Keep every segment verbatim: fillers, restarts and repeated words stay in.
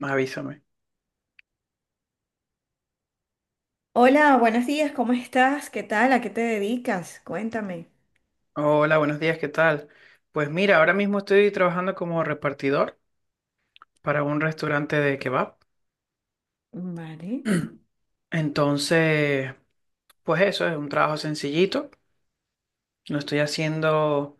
Avísame. Hola, buenos días, ¿cómo estás? ¿Qué tal? ¿A qué te dedicas? Cuéntame. Hola, buenos días, ¿qué tal? Pues mira, ahora mismo estoy trabajando como repartidor para un restaurante de kebab. Vale, Entonces, pues eso es un trabajo sencillito. Lo estoy haciendo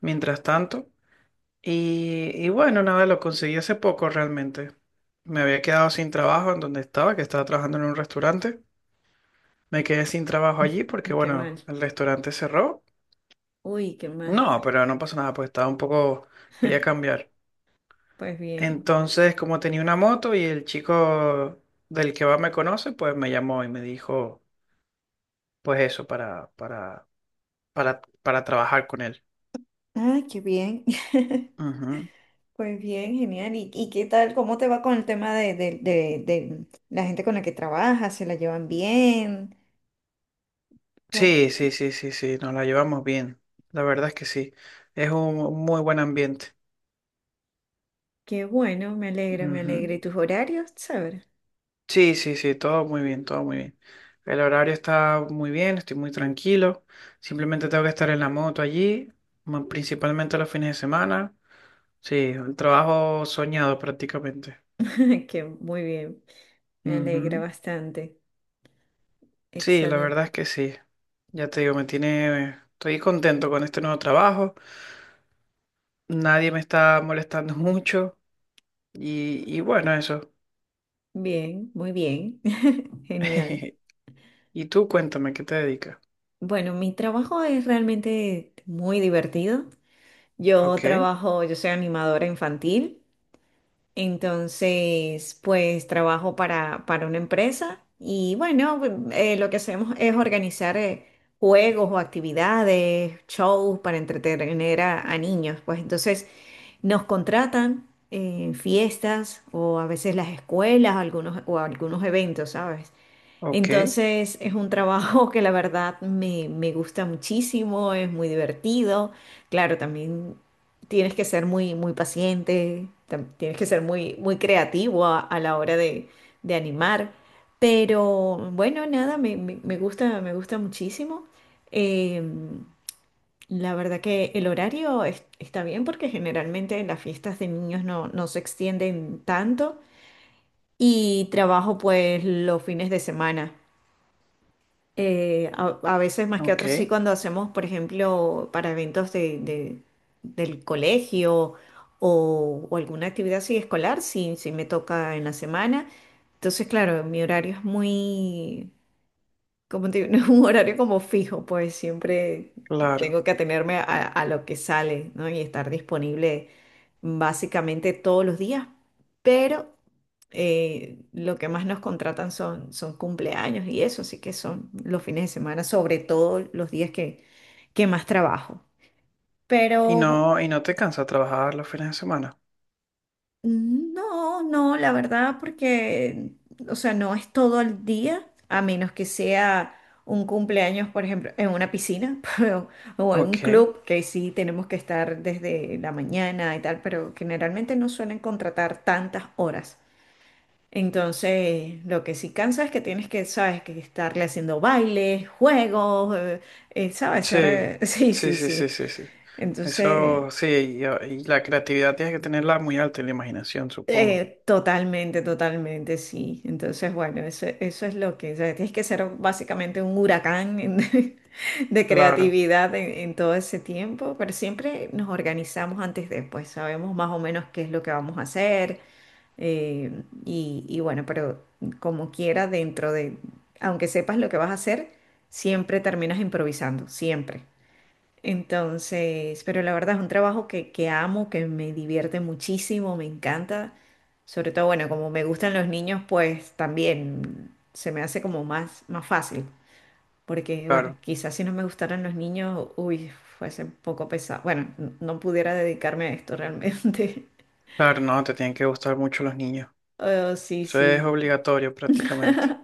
mientras tanto. Y, y bueno, nada, lo conseguí hace poco realmente. Me había quedado sin trabajo en donde estaba, que estaba trabajando en un restaurante. Me quedé sin trabajo allí porque, qué mal. bueno, el restaurante cerró. Uy, qué mal. No, pero no pasa nada, pues estaba un poco, quería cambiar. Pues bien. Entonces, como tenía una moto y el chico del que va me conoce, pues me llamó y me dijo, pues eso, para, para, para, para trabajar con él. Ah, qué bien. Ujú. Pues bien, genial. ¿Y, y qué tal? ¿Cómo te va con el tema de, de- de- de la gente con la que trabajas? ¿Se la llevan bien? Co- Sí, sí, sí, sí, sí, nos la llevamos bien. La verdad es que sí. Es un muy buen ambiente. qué bueno, me alegra, me Ujú. alegra. ¿Y tus horarios? Saber. Sí, sí, sí, todo muy bien, todo muy bien. El horario está muy bien, estoy muy tranquilo. Simplemente tengo que estar en la moto allí, mo- principalmente los fines de semana. Sí, un trabajo soñado prácticamente. Qué muy bien, me alegra Ujú. bastante. Sí, la Excelente. verdad es que sí. Ya te digo, me tiene, estoy contento con este nuevo trabajo. Nadie me está molestando mucho y, y bueno, eso. Bien, muy bien. Genial. Y tú cuéntame, ¿qué te dedicas? Bueno, mi trabajo es realmente muy divertido. Yo Ok, trabajo, yo soy animadora infantil, entonces pues trabajo para, para una empresa y bueno, eh, lo que hacemos es organizar eh, juegos o actividades, shows para entretener a, a niños. Pues entonces nos contratan en fiestas o a veces las escuelas algunos, o algunos eventos, ¿sabes? ok, Entonces es un trabajo que la verdad me, me gusta muchísimo, es muy divertido. Claro, también tienes que ser muy, muy paciente, tam- tienes que ser muy, muy creativo a, a la hora de, de animar. Pero bueno, nada, me, me- me gusta, me gusta muchísimo. Eh, la verdad que el horario es- está bien porque generalmente las fiestas de niños no, no se extienden tanto y trabajo pues los fines de semana. Eh, a, a veces más que ok, otros sí, cuando hacemos, por ejemplo, para eventos de, de- del colegio o, o alguna actividad así escolar, sí, sí me toca en la semana. Entonces, claro, mi horario es muy, como te digo, no es un horario como fijo, pues siempre claro. tengo que atenerme a, a lo que sale, ¿no? Y estar disponible básicamente todos los días eh, lo que más nos contratan son, son cumpleaños y eso, así que son los fines de semana, sobre todo los días que, que más trabajo. Y Pero no, y no te cansa trabajar los fines de semana. no, no, la verdad, porque, o sea, no es todo el día, a menos que sea un cumpleaños, por ejemplo, en una piscina pero- o en un Ok, club, que sí tenemos que estar desde la mañana y tal, pero generalmente no suelen contratar tantas horas. Entonces, lo que sí cansa es que tienes que, sabes, que estarle haciendo bailes, juegos, eh, eh, sabes, ser, sí, eh, sí, sí, sí, sí, sí, sí. sí, sí. Entonces, Eso sí, y, y la creatividad tienes que tenerla muy alta y la imaginación, supongo. eh, totalmente, totalmente, sí. Entonces, bueno, eso, eso es lo que, o sea, tienes que ser básicamente un huracán en- de Claro, creatividad en, en todo ese tiempo, pero siempre nos organizamos antes de, pues sabemos más o menos qué es lo que vamos a hacer. Eh, y, y bueno, pero como quiera, dentro de, aunque sepas lo que vas a hacer, siempre terminas improvisando, siempre. Entonces, pero la verdad es un trabajo que, que amo, que me divierte muchísimo, me encanta. Sobre todo, bueno, como me gustan los niños, pues también se me hace como más, más fácil. Porque, bueno, claro, quizás si no me gustaran los niños, uy, fuese un poco pesado. Bueno, n- no pudiera dedicarme a esto realmente. claro, no, te tienen que gustar mucho los niños. Oh, sí, Eso es sí. obligatorio prácticamente.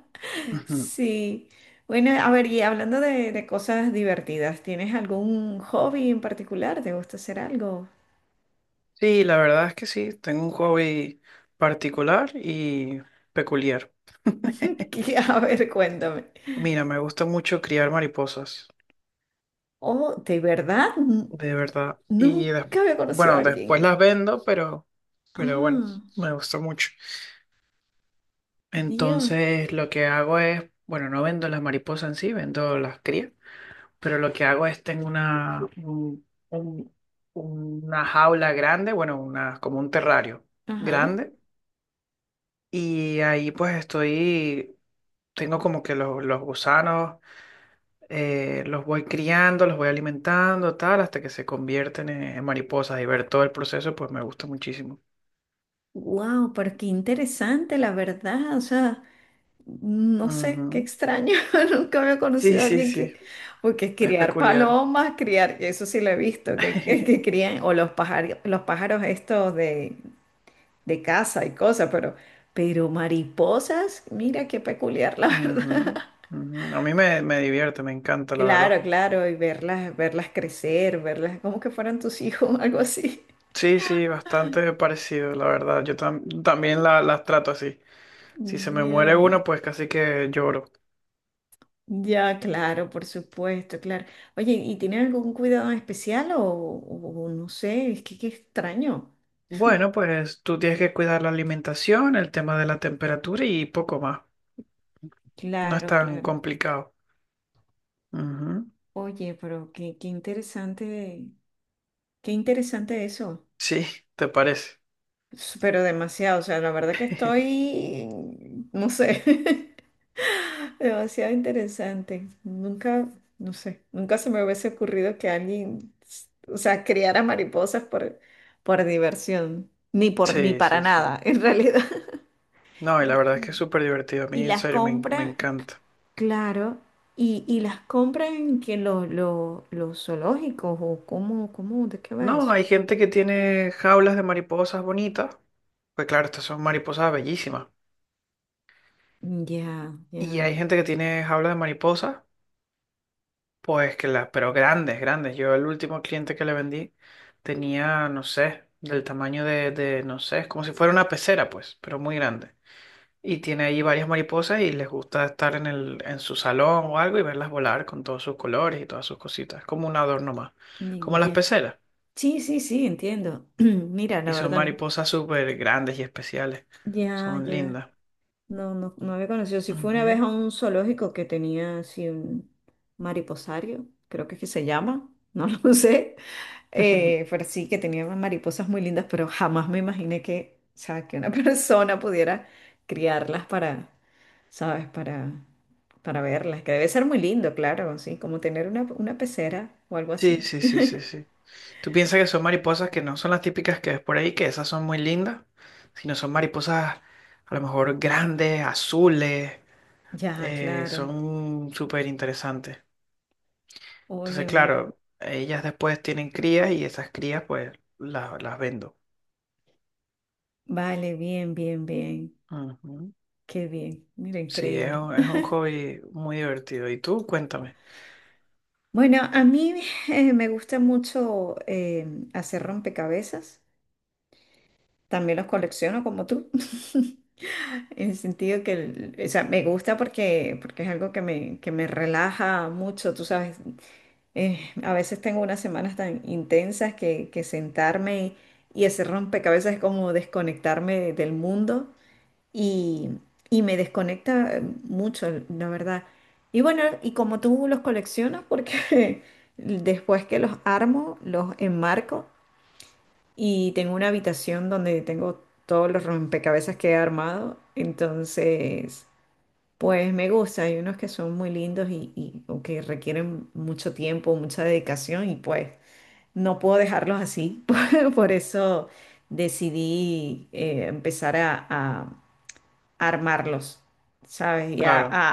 Ujú. Sí. Bueno, a ver, y hablando de, de cosas divertidas, ¿tienes algún hobby en particular? ¿Te gusta hacer algo? Sí, la verdad es que sí, tengo un hobby particular y peculiar. Que, a ver, cuéntame. Mira, me gusta mucho criar mariposas, Oh, de verdad, N- de verdad. Y des- nunca había conocido a Bueno, alguien después las aquí. vendo, pero, pero bueno, Ah, me gusta mucho. Dios. Entonces, lo que hago es, bueno, no vendo las mariposas en sí, vendo las crías, pero lo que hago es tengo una, un- un- una jaula grande, bueno, una, como un terrario Ajá. grande. Y ahí pues estoy, tengo como que los, los gusanos, eh, los voy criando, los voy alimentando, tal, hasta que se convierten en, en mariposas y ver todo el proceso pues me gusta muchísimo. Wow, pero qué interesante, la verdad. O sea, no sé, qué Ujú. extraño. Nunca había Sí, conocido a sí, alguien sí, que, porque es criar peculiar. palomas, criar, eso sí lo he visto, que, que, que crían, o los pájaros, los pájaros estos de, de, casa y cosas, pero, pero mariposas, mira qué peculiar, la verdad. Ujú, ujú. A mí me, me divierte, me encanta, la verdad. Claro, claro, y verlas, verlas crecer, verlas como que fueran tus hijos, algo así. Sí, sí, bastante parecido, la verdad. Yo tam- también la- las trato así. Si se me muere Ya, uno, pues casi que lloro. ya, claro, por supuesto, claro. Oye, ¿y tienen algún cuidado especial o, o no sé? Es que qué extraño. Bueno, pues tú tienes que cuidar la alimentación, el tema de la temperatura y poco más. No es Claro, tan claro. complicado. Ujú. Oye, pero qué, qué, interesante, qué interesante eso. Sí, ¿te parece? S- Pero demasiado, o sea, la verdad que estoy, no sé, demasiado interesante. Nunca, no sé, nunca se me hubiese ocurrido que alguien, s- o sea, criara mariposas por, por, diversión, ni por, ni Sí, para sí, sí. nada, en realidad. No, y la verdad es que es súper divertido. A Y mí, en las serio, me, en- me compran, encanta. claro, y, y las compran en que lo- lo- los zoológicos o cómo, cómo, ¿de qué va No, eso? hay gente que tiene jaulas de mariposas bonitas. Pues claro, estas son mariposas bellísimas. Ya, Y ya, hay gente que tiene jaulas de mariposas. Pues que las, pero grandes, grandes. Yo el último cliente que le vendí tenía, no sé, del tamaño de, de, no sé, es como si fuera una pecera, pues, pero muy grande. Y tiene ahí varias mariposas y les gusta estar en el, en su salón o algo y verlas volar con todos sus colores y todas sus cositas. Es como un adorno más, ni- como las ya. peceras. Sí, sí, sí, entiendo. Mira, la Y son verdad no. mariposas súper grandes y especiales. Ya, Son ya. lindas. No, no, no había conocido. Si fue una vez Ujú. a un zoológico que tenía así un mariposario, creo que es que se llama, no lo sé. Eh, pero sí, que tenía unas mariposas muy lindas, pero jamás me imaginé que, o sea, que una persona pudiera criarlas para, ¿sabes? Para, para verlas, que debe ser muy lindo, claro, sí, como tener una, una pecera o algo Sí, así. sí, sí, sí, sí. Tú piensas que son mariposas que no son las típicas que ves por ahí, que esas son muy lindas, sino son mariposas a lo mejor grandes, azules, Ya, eh, claro. son súper interesantes. Oye, Entonces, mu- claro, ellas después tienen crías y esas crías pues las, las vendo. vale, bien, bien, bien. Ujú. Qué bien. Mira, Sí, es increíble. un, es un hobby muy divertido. ¿Y tú? Cuéntame. Bueno, a mí eh, me gusta mucho eh, hacer rompecabezas. También los colecciono como tú. En el sentido que, el- o sea, me gusta porque, porque es algo que me, que me relaja mucho, tú sabes. Eh, a veces tengo unas semanas tan intensas que, que sentarme y hacer rompecabezas es como desconectarme del mundo y, y me desconecta eh, mucho, la verdad. Y bueno, y como tú los coleccionas, porque después que los armo, los enmarco y tengo una habitación donde tengo todos los rompecabezas que he armado, entonces, pues me gusta. Hay unos que son muy lindos y, y o que requieren mucho tiempo, mucha dedicación y pues no puedo dejarlos así. Por por eso decidí eh, empezar a armarlos, ¿sabes? Y a, Claro, a-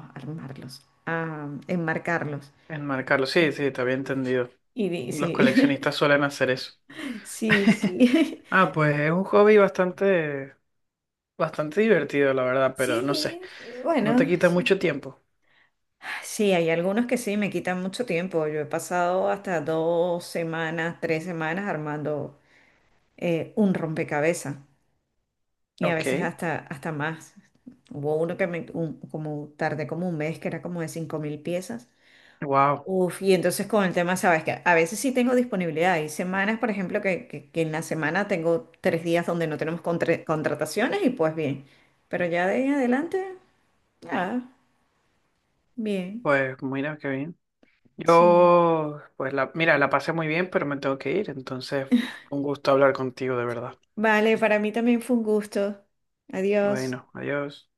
a armarlos, a enmarcarlos. enmarcarlo. Sí, Y, sí, te había entendido. y di- Los sí, coleccionistas suelen hacer eso. sí, sí. Ah, pues es un hobby bastante. Bastante divertido, la verdad, pero Sí, no sé, eh, no te bueno, quita sí. mucho tiempo. Sí, hay algunos que sí, me quitan mucho tiempo. Yo he pasado hasta dos semanas, tres semanas armando eh, un rompecabezas y a Ok, veces hasta, hasta más. Hubo uno que me, un- como tardé como un mes, que era como de cinco mil piezas. wow, Uf, y entonces con el tema, sabes que a veces sí tengo disponibilidad. Hay semanas, por ejemplo, que, que- que en la semana tengo tres días donde no tenemos contra- contrataciones y pues bien. Pero ya de ahí en adelante, nada, bien, pues mira qué bien. sí. Yo, pues la, mira, la pasé muy bien, pero me tengo que ir, entonces fue un gusto hablar contigo, de verdad. Vale, para mí también fue un gusto. Adiós. Bueno, adiós.